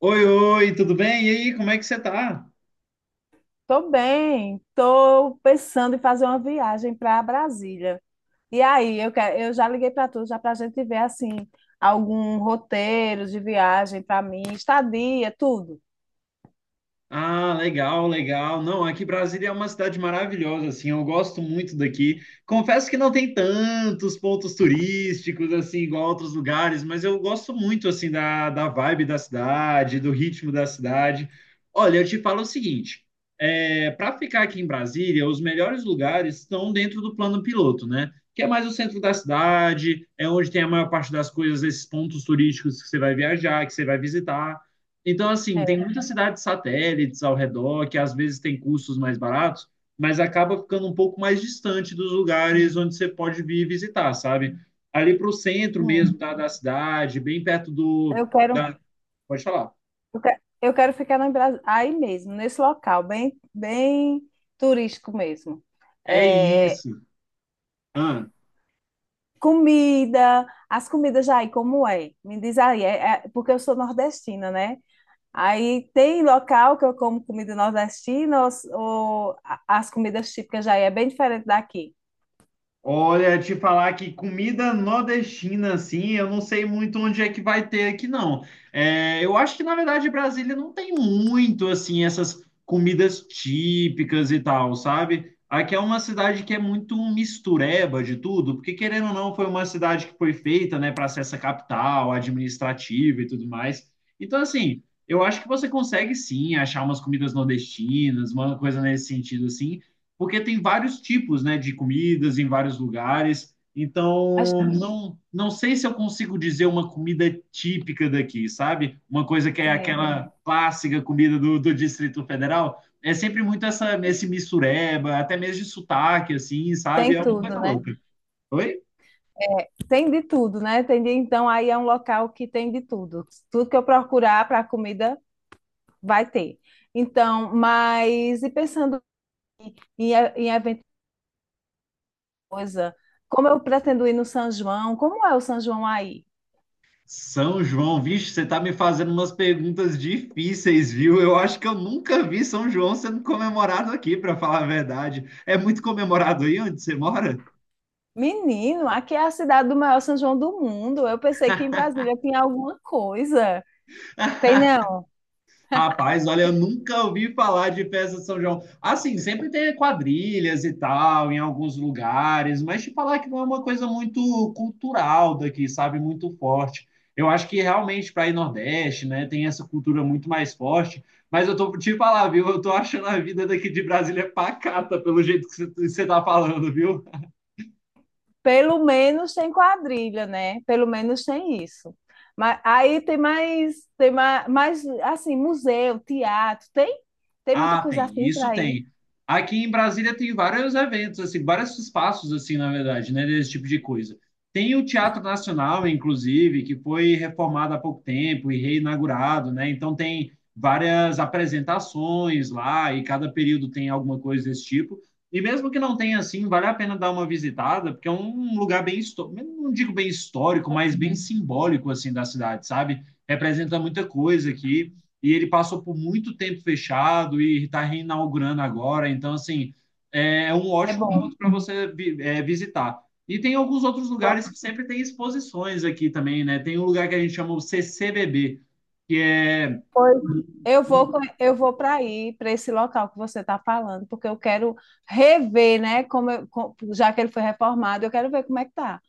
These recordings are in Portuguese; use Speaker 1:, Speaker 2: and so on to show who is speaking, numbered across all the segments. Speaker 1: Oi, oi, tudo bem? E aí, como é que você tá?
Speaker 2: Tô bem, tô pensando em fazer uma viagem para Brasília. E aí, eu já liguei para tu, já para a gente ver assim algum roteiro de viagem para mim, estadia, tudo.
Speaker 1: Ah, legal, legal. Não, aqui Brasília é uma cidade maravilhosa, assim, eu gosto muito daqui. Confesso que não tem tantos pontos turísticos, assim, igual outros lugares, mas eu gosto muito, assim, da vibe da cidade, do ritmo da cidade. Olha, eu te falo o seguinte, para ficar aqui em Brasília, os melhores lugares estão dentro do plano piloto, né? Que é mais o centro da cidade, é onde tem a maior parte das coisas, esses pontos turísticos que você vai viajar, que você vai visitar. Então, assim, tem
Speaker 2: É,
Speaker 1: muitas cidades satélites ao redor que às vezes tem custos mais baratos, mas acaba ficando um pouco mais distante dos lugares onde você pode vir visitar, sabe? Ali para o centro
Speaker 2: hum.
Speaker 1: mesmo da cidade, bem perto do.
Speaker 2: eu quero,
Speaker 1: Da... Pode falar.
Speaker 2: eu quero ficar no aí mesmo, nesse local, bem turístico mesmo.
Speaker 1: É
Speaker 2: É,
Speaker 1: isso. Ah.
Speaker 2: comida, as comidas aí, como é? Me diz aí, porque eu sou nordestina, né? Aí tem local que eu como comida nordestina, ou, as comidas típicas já é bem diferente daqui.
Speaker 1: Olha, te falar que comida nordestina, assim, eu não sei muito onde é que vai ter aqui, não. É, eu acho que, na verdade, Brasília não tem muito, assim, essas comidas típicas e tal, sabe? Aqui é uma cidade que é muito mistureba de tudo, porque, querendo ou não, foi uma cidade que foi feita, né, para ser essa capital administrativa e tudo mais. Então, assim, eu acho que você consegue, sim, achar umas comidas nordestinas, uma coisa nesse sentido, assim porque tem vários tipos, né, de comidas em vários lugares.
Speaker 2: A gente
Speaker 1: Então, não sei se eu consigo dizer uma comida típica daqui, sabe? Uma coisa que é aquela clássica comida do Distrito Federal. É sempre muito essa, esse mistureba, até mesmo de sotaque, assim, sabe?
Speaker 2: tem
Speaker 1: É uma
Speaker 2: tudo,
Speaker 1: coisa
Speaker 2: né?
Speaker 1: louca. Oi?
Speaker 2: Tem de tudo, né? Tem de, então aí é um local que tem de tudo. Tudo que eu procurar para comida vai ter. Então, mas e pensando em, em evento coisa, como eu pretendo ir no São João, como é o São João aí?
Speaker 1: São João, vixe, você tá me fazendo umas perguntas difíceis, viu? Eu acho que eu nunca vi São João sendo comemorado aqui, para falar a verdade. É muito comemorado aí onde você mora?
Speaker 2: Menino, aqui é a cidade do maior São João do mundo. Eu pensei que em Brasília tinha alguma coisa. Tem não?
Speaker 1: Rapaz, olha, eu nunca ouvi falar de festa de São João. Assim, sempre tem quadrilhas e tal, em alguns lugares, mas te falar que não é uma coisa muito cultural daqui, sabe? Muito forte. Eu acho que realmente para ir Nordeste, né, tem essa cultura muito mais forte. Mas eu tô te falar, viu? Eu tô achando a vida daqui de Brasília pacata, pelo jeito que você tá falando, viu?
Speaker 2: Pelo menos tem quadrilha, né? Pelo menos tem isso. Mas aí mais assim, museu, teatro, tem, tem muita
Speaker 1: Ah,
Speaker 2: coisa
Speaker 1: tem,
Speaker 2: assim
Speaker 1: isso
Speaker 2: para ir.
Speaker 1: tem. Aqui em Brasília tem vários eventos, assim, vários espaços, assim, na verdade, né, desse tipo de coisa. Tem o Teatro Nacional, inclusive, que foi reformado há pouco tempo e reinaugurado, né? Então tem várias apresentações lá e cada período tem alguma coisa desse tipo. E mesmo que não tenha assim, vale a pena dar uma visitada, porque é um lugar bem, não digo bem histórico, mas bem simbólico assim da cidade, sabe? Representa muita coisa aqui e ele passou por muito tempo fechado e está reinaugurando agora. Então, assim, é um
Speaker 2: É
Speaker 1: ótimo
Speaker 2: bom.
Speaker 1: ponto para você visitar. E tem alguns outros
Speaker 2: Pronto.
Speaker 1: lugares que sempre tem exposições aqui também, né? Tem um lugar que a gente chama o CCBB, que é
Speaker 2: Pois eu vou,
Speaker 1: um.
Speaker 2: eu vou para aí, para esse local que você está falando, porque eu quero rever, né? Como já que ele foi reformado, eu quero ver como é que tá.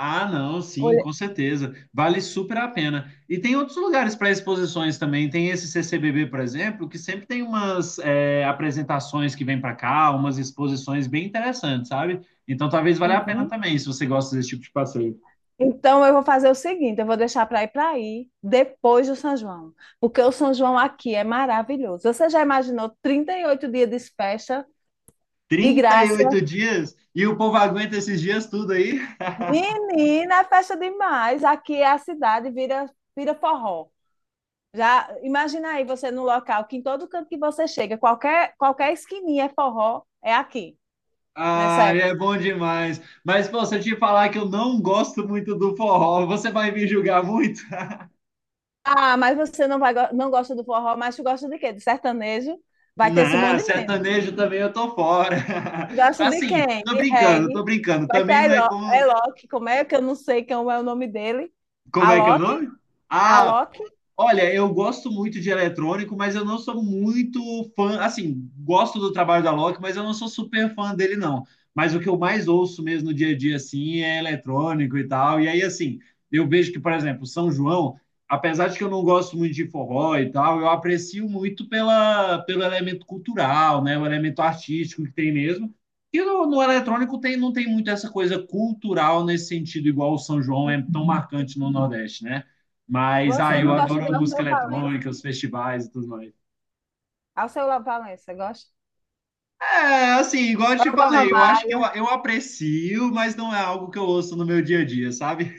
Speaker 1: Ah, não, sim,
Speaker 2: Olha,
Speaker 1: com certeza. Vale super a pena. E tem outros lugares para exposições também. Tem esse CCBB, por exemplo, que sempre tem umas apresentações que vêm para cá, umas exposições bem interessantes, sabe? Então talvez valha a pena
Speaker 2: uhum.
Speaker 1: também, se você gosta desse tipo de passeio.
Speaker 2: Então, eu vou fazer o seguinte, eu vou deixar para ir para aí depois do São João, porque o São João aqui é maravilhoso. Você já imaginou 38 dias de festa de
Speaker 1: Trinta e
Speaker 2: graça?
Speaker 1: oito dias e o povo aguenta esses dias tudo aí?
Speaker 2: Menina, é festa demais. Aqui é vira forró. Já imagina aí você num local que em todo canto que você chega, qualquer esquininha é forró, é aqui, nessa
Speaker 1: Ah,
Speaker 2: época.
Speaker 1: é bom demais. Mas, pô, se eu te falar que eu não gosto muito do forró, você vai me julgar muito?
Speaker 2: Ah, mas você não vai não gosta do forró, mas tu gosta de quê? De sertanejo? Vai ter
Speaker 1: Não,
Speaker 2: Simone de
Speaker 1: sertanejo também eu tô fora.
Speaker 2: gosta de
Speaker 1: Assim,
Speaker 2: quem?
Speaker 1: tô
Speaker 2: De
Speaker 1: brincando, tô
Speaker 2: reggae.
Speaker 1: brincando.
Speaker 2: Vai ter
Speaker 1: Também
Speaker 2: a
Speaker 1: não é como.
Speaker 2: Alok, como é que eu não sei como é o nome dele?
Speaker 1: Como é que é o
Speaker 2: Alok?
Speaker 1: nome? Ah,
Speaker 2: Alok?
Speaker 1: olha, eu gosto muito de eletrônico, mas eu não sou muito fã. Assim, gosto do trabalho da Loki, mas eu não sou super fã dele, não. Mas o que eu mais ouço mesmo no dia a dia, assim, é eletrônico e tal. E aí, assim, eu vejo que, por exemplo, São João, apesar de que eu não gosto muito de forró e tal, eu aprecio muito pelo elemento cultural, né? O elemento artístico que tem mesmo. E no eletrônico tem, não tem muito essa coisa cultural nesse sentido, igual o São João é tão marcante no Nordeste, né? Mas, ah,
Speaker 2: Você
Speaker 1: eu
Speaker 2: não gosta de
Speaker 1: adoro música
Speaker 2: Alceu Valença?
Speaker 1: eletrônica, os festivais e tudo mais.
Speaker 2: Alceu Valença, gosta?
Speaker 1: É, assim, igual eu te
Speaker 2: Alba
Speaker 1: falei, eu acho que
Speaker 2: Ramalho.
Speaker 1: eu aprecio, mas não é algo que eu ouço no meu dia a dia, sabe?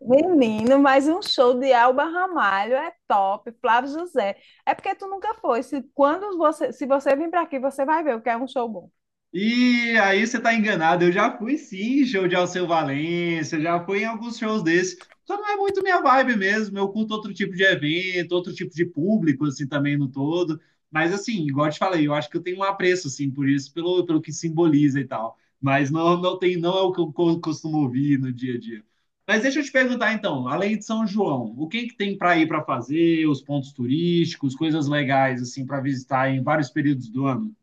Speaker 2: Menino, mas um show de Alba Ramalho é top. Flávio José. É porque tu nunca foi. Se, quando você, se você vir para aqui, você vai ver o que é um show bom.
Speaker 1: E aí você tá enganado. Eu já fui sim, em show de Alceu Valença, já fui em alguns shows desses. Só não é muito minha vibe mesmo. Eu curto outro tipo de evento, outro tipo de público, assim, também no todo. Mas assim, igual eu te falei, eu acho que eu tenho um apreço, assim, por isso, pelo que simboliza e tal. Mas não, não tem, não é o que eu costumo ouvir no dia a dia. Mas deixa eu te perguntar então, além de São João, o que que tem para ir para fazer, os pontos turísticos, coisas legais assim para visitar em vários períodos do ano?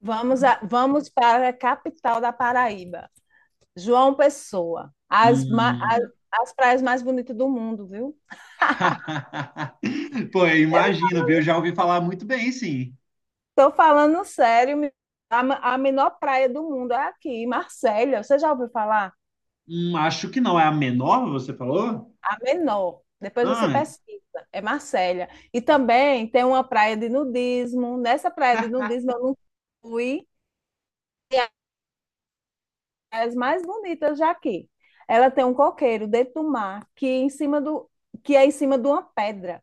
Speaker 2: Vamos, vamos para a capital da Paraíba. João Pessoa.
Speaker 1: Hum.
Speaker 2: As praias mais bonitas do mundo, viu?
Speaker 1: Pô, eu imagino, viu? Já ouvi falar muito bem, sim.
Speaker 2: Estou falando sério, a menor praia do mundo é aqui, Marsella. Você já ouviu falar?
Speaker 1: Acho que não é a menor, você falou?
Speaker 2: A menor. Depois você
Speaker 1: Ah,
Speaker 2: pesquisa. É Marsella. E também tem uma praia de nudismo. Nessa praia de nudismo eu não fui. E é as mais bonitas já aqui. Ela tem um coqueiro dentro do mar que é em cima do que é em cima de uma pedra.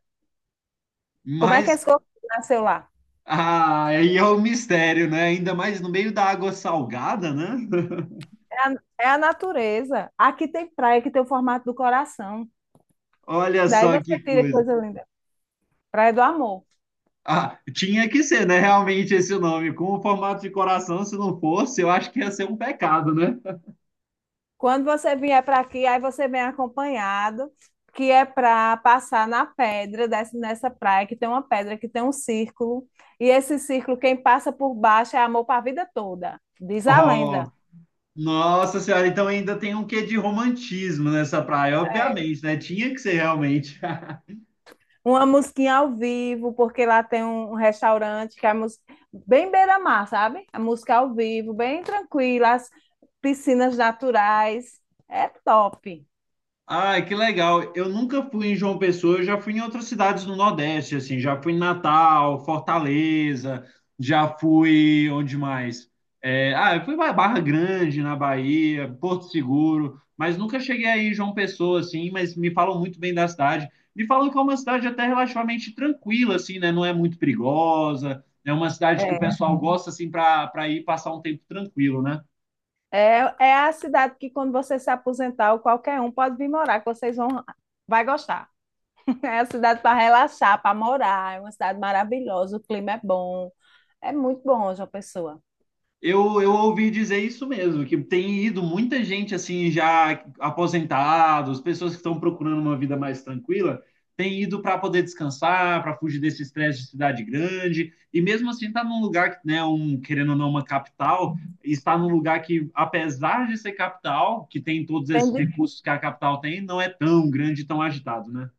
Speaker 2: Como é que
Speaker 1: mas
Speaker 2: esse coqueiro nasceu lá?
Speaker 1: ah, aí é o mistério, né? Ainda mais no meio da água salgada, né?
Speaker 2: É a, é a natureza. Aqui tem praia que tem o formato do coração.
Speaker 1: Olha
Speaker 2: Daí
Speaker 1: só
Speaker 2: você
Speaker 1: que
Speaker 2: tira que
Speaker 1: coisa.
Speaker 2: coisa linda. Praia do Amor.
Speaker 1: Ah, tinha que ser, né? Realmente esse nome. Com o formato de coração, se não fosse, eu acho que ia ser um pecado, né?
Speaker 2: Quando você vier para aqui, aí você vem acompanhado, que é para passar na pedra, dessa nessa praia, que tem uma pedra, que tem um círculo. E esse círculo, quem passa por baixo é amor para a vida toda, diz a
Speaker 1: Oh,
Speaker 2: lenda.
Speaker 1: nossa senhora, então ainda tem um quê de romantismo nessa praia,
Speaker 2: É.
Speaker 1: obviamente, né? Tinha que ser realmente.
Speaker 2: Uma musiquinha ao vivo, porque lá tem um restaurante que é bem beira-mar, sabe? A música ao vivo, bem tranquila, as piscinas naturais. É top.
Speaker 1: Ai, que legal. Eu nunca fui em João Pessoa, eu já fui em outras cidades no Nordeste, assim, já fui em Natal, Fortaleza, já fui onde mais? Eu fui para Barra Grande, na Bahia, Porto Seguro, mas nunca cheguei aí em João Pessoa, assim, mas me falam muito bem da cidade. Me falam que é uma cidade até relativamente tranquila, assim, né? Não é muito perigosa, é uma cidade que o pessoal gosta, assim, para ir passar um tempo tranquilo, né?
Speaker 2: É, é a cidade que, quando você se aposentar, ou qualquer um pode vir morar, que vocês vão, vai gostar. É a cidade para relaxar, para morar. É uma cidade maravilhosa, o clima é bom. É muito bom, João Pessoa.
Speaker 1: Eu ouvi dizer isso mesmo, que tem ido muita gente assim já aposentados, pessoas que estão procurando uma vida mais tranquila, tem ido para poder descansar, para fugir desse estresse de cidade grande, e mesmo assim está num lugar que, né, um, querendo ou não, uma capital, está num lugar que, apesar de ser capital, que tem todos
Speaker 2: Tem
Speaker 1: esses
Speaker 2: de
Speaker 1: recursos que a capital tem, não é tão grande e tão agitado, né?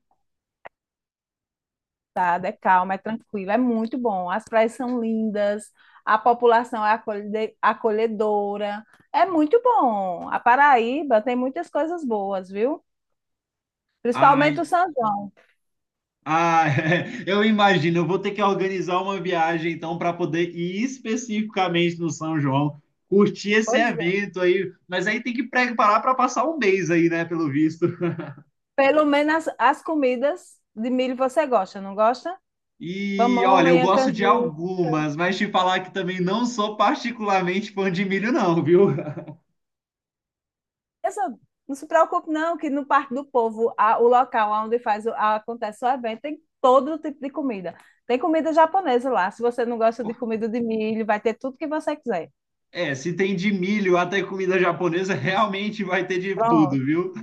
Speaker 2: tudo, é calma, é tranquilo, é muito bom. As praias são lindas, a população é acolhedora. É muito bom. A Paraíba tem muitas coisas boas, viu?
Speaker 1: Ai,
Speaker 2: Principalmente o São João.
Speaker 1: ah, eu imagino. Eu vou ter que organizar uma viagem então para poder ir especificamente no São João, curtir esse
Speaker 2: Pois é.
Speaker 1: evento aí. Mas aí tem que preparar para passar um mês aí, né? Pelo visto.
Speaker 2: Pelo menos as, as comidas de milho você gosta, não gosta?
Speaker 1: E olha, eu
Speaker 2: Pamonha,
Speaker 1: gosto de
Speaker 2: canjica.
Speaker 1: algumas, mas te falar que também não sou particularmente fã de milho, não, viu?
Speaker 2: Eu só- não se preocupe, não, que no Parque do Povo, a- o local onde faz o- acontece o evento, tem todo tipo de comida. Tem comida japonesa lá. Se você não gosta de comida de milho, vai ter tudo que você quiser.
Speaker 1: É, se tem de milho até comida japonesa, realmente vai ter de tudo,
Speaker 2: Pronto.
Speaker 1: viu?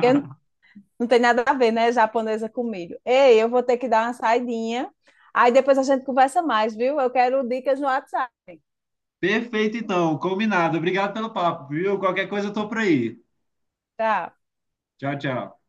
Speaker 2: Porque não tem nada a ver, né? Japonesa com milho. Ei, eu vou ter que dar uma saidinha. Aí depois a gente conversa mais, viu? Eu quero dicas no WhatsApp.
Speaker 1: Perfeito, então, combinado. Obrigado pelo papo, viu? Qualquer coisa eu tô por aí.
Speaker 2: Tá.
Speaker 1: Tchau, tchau.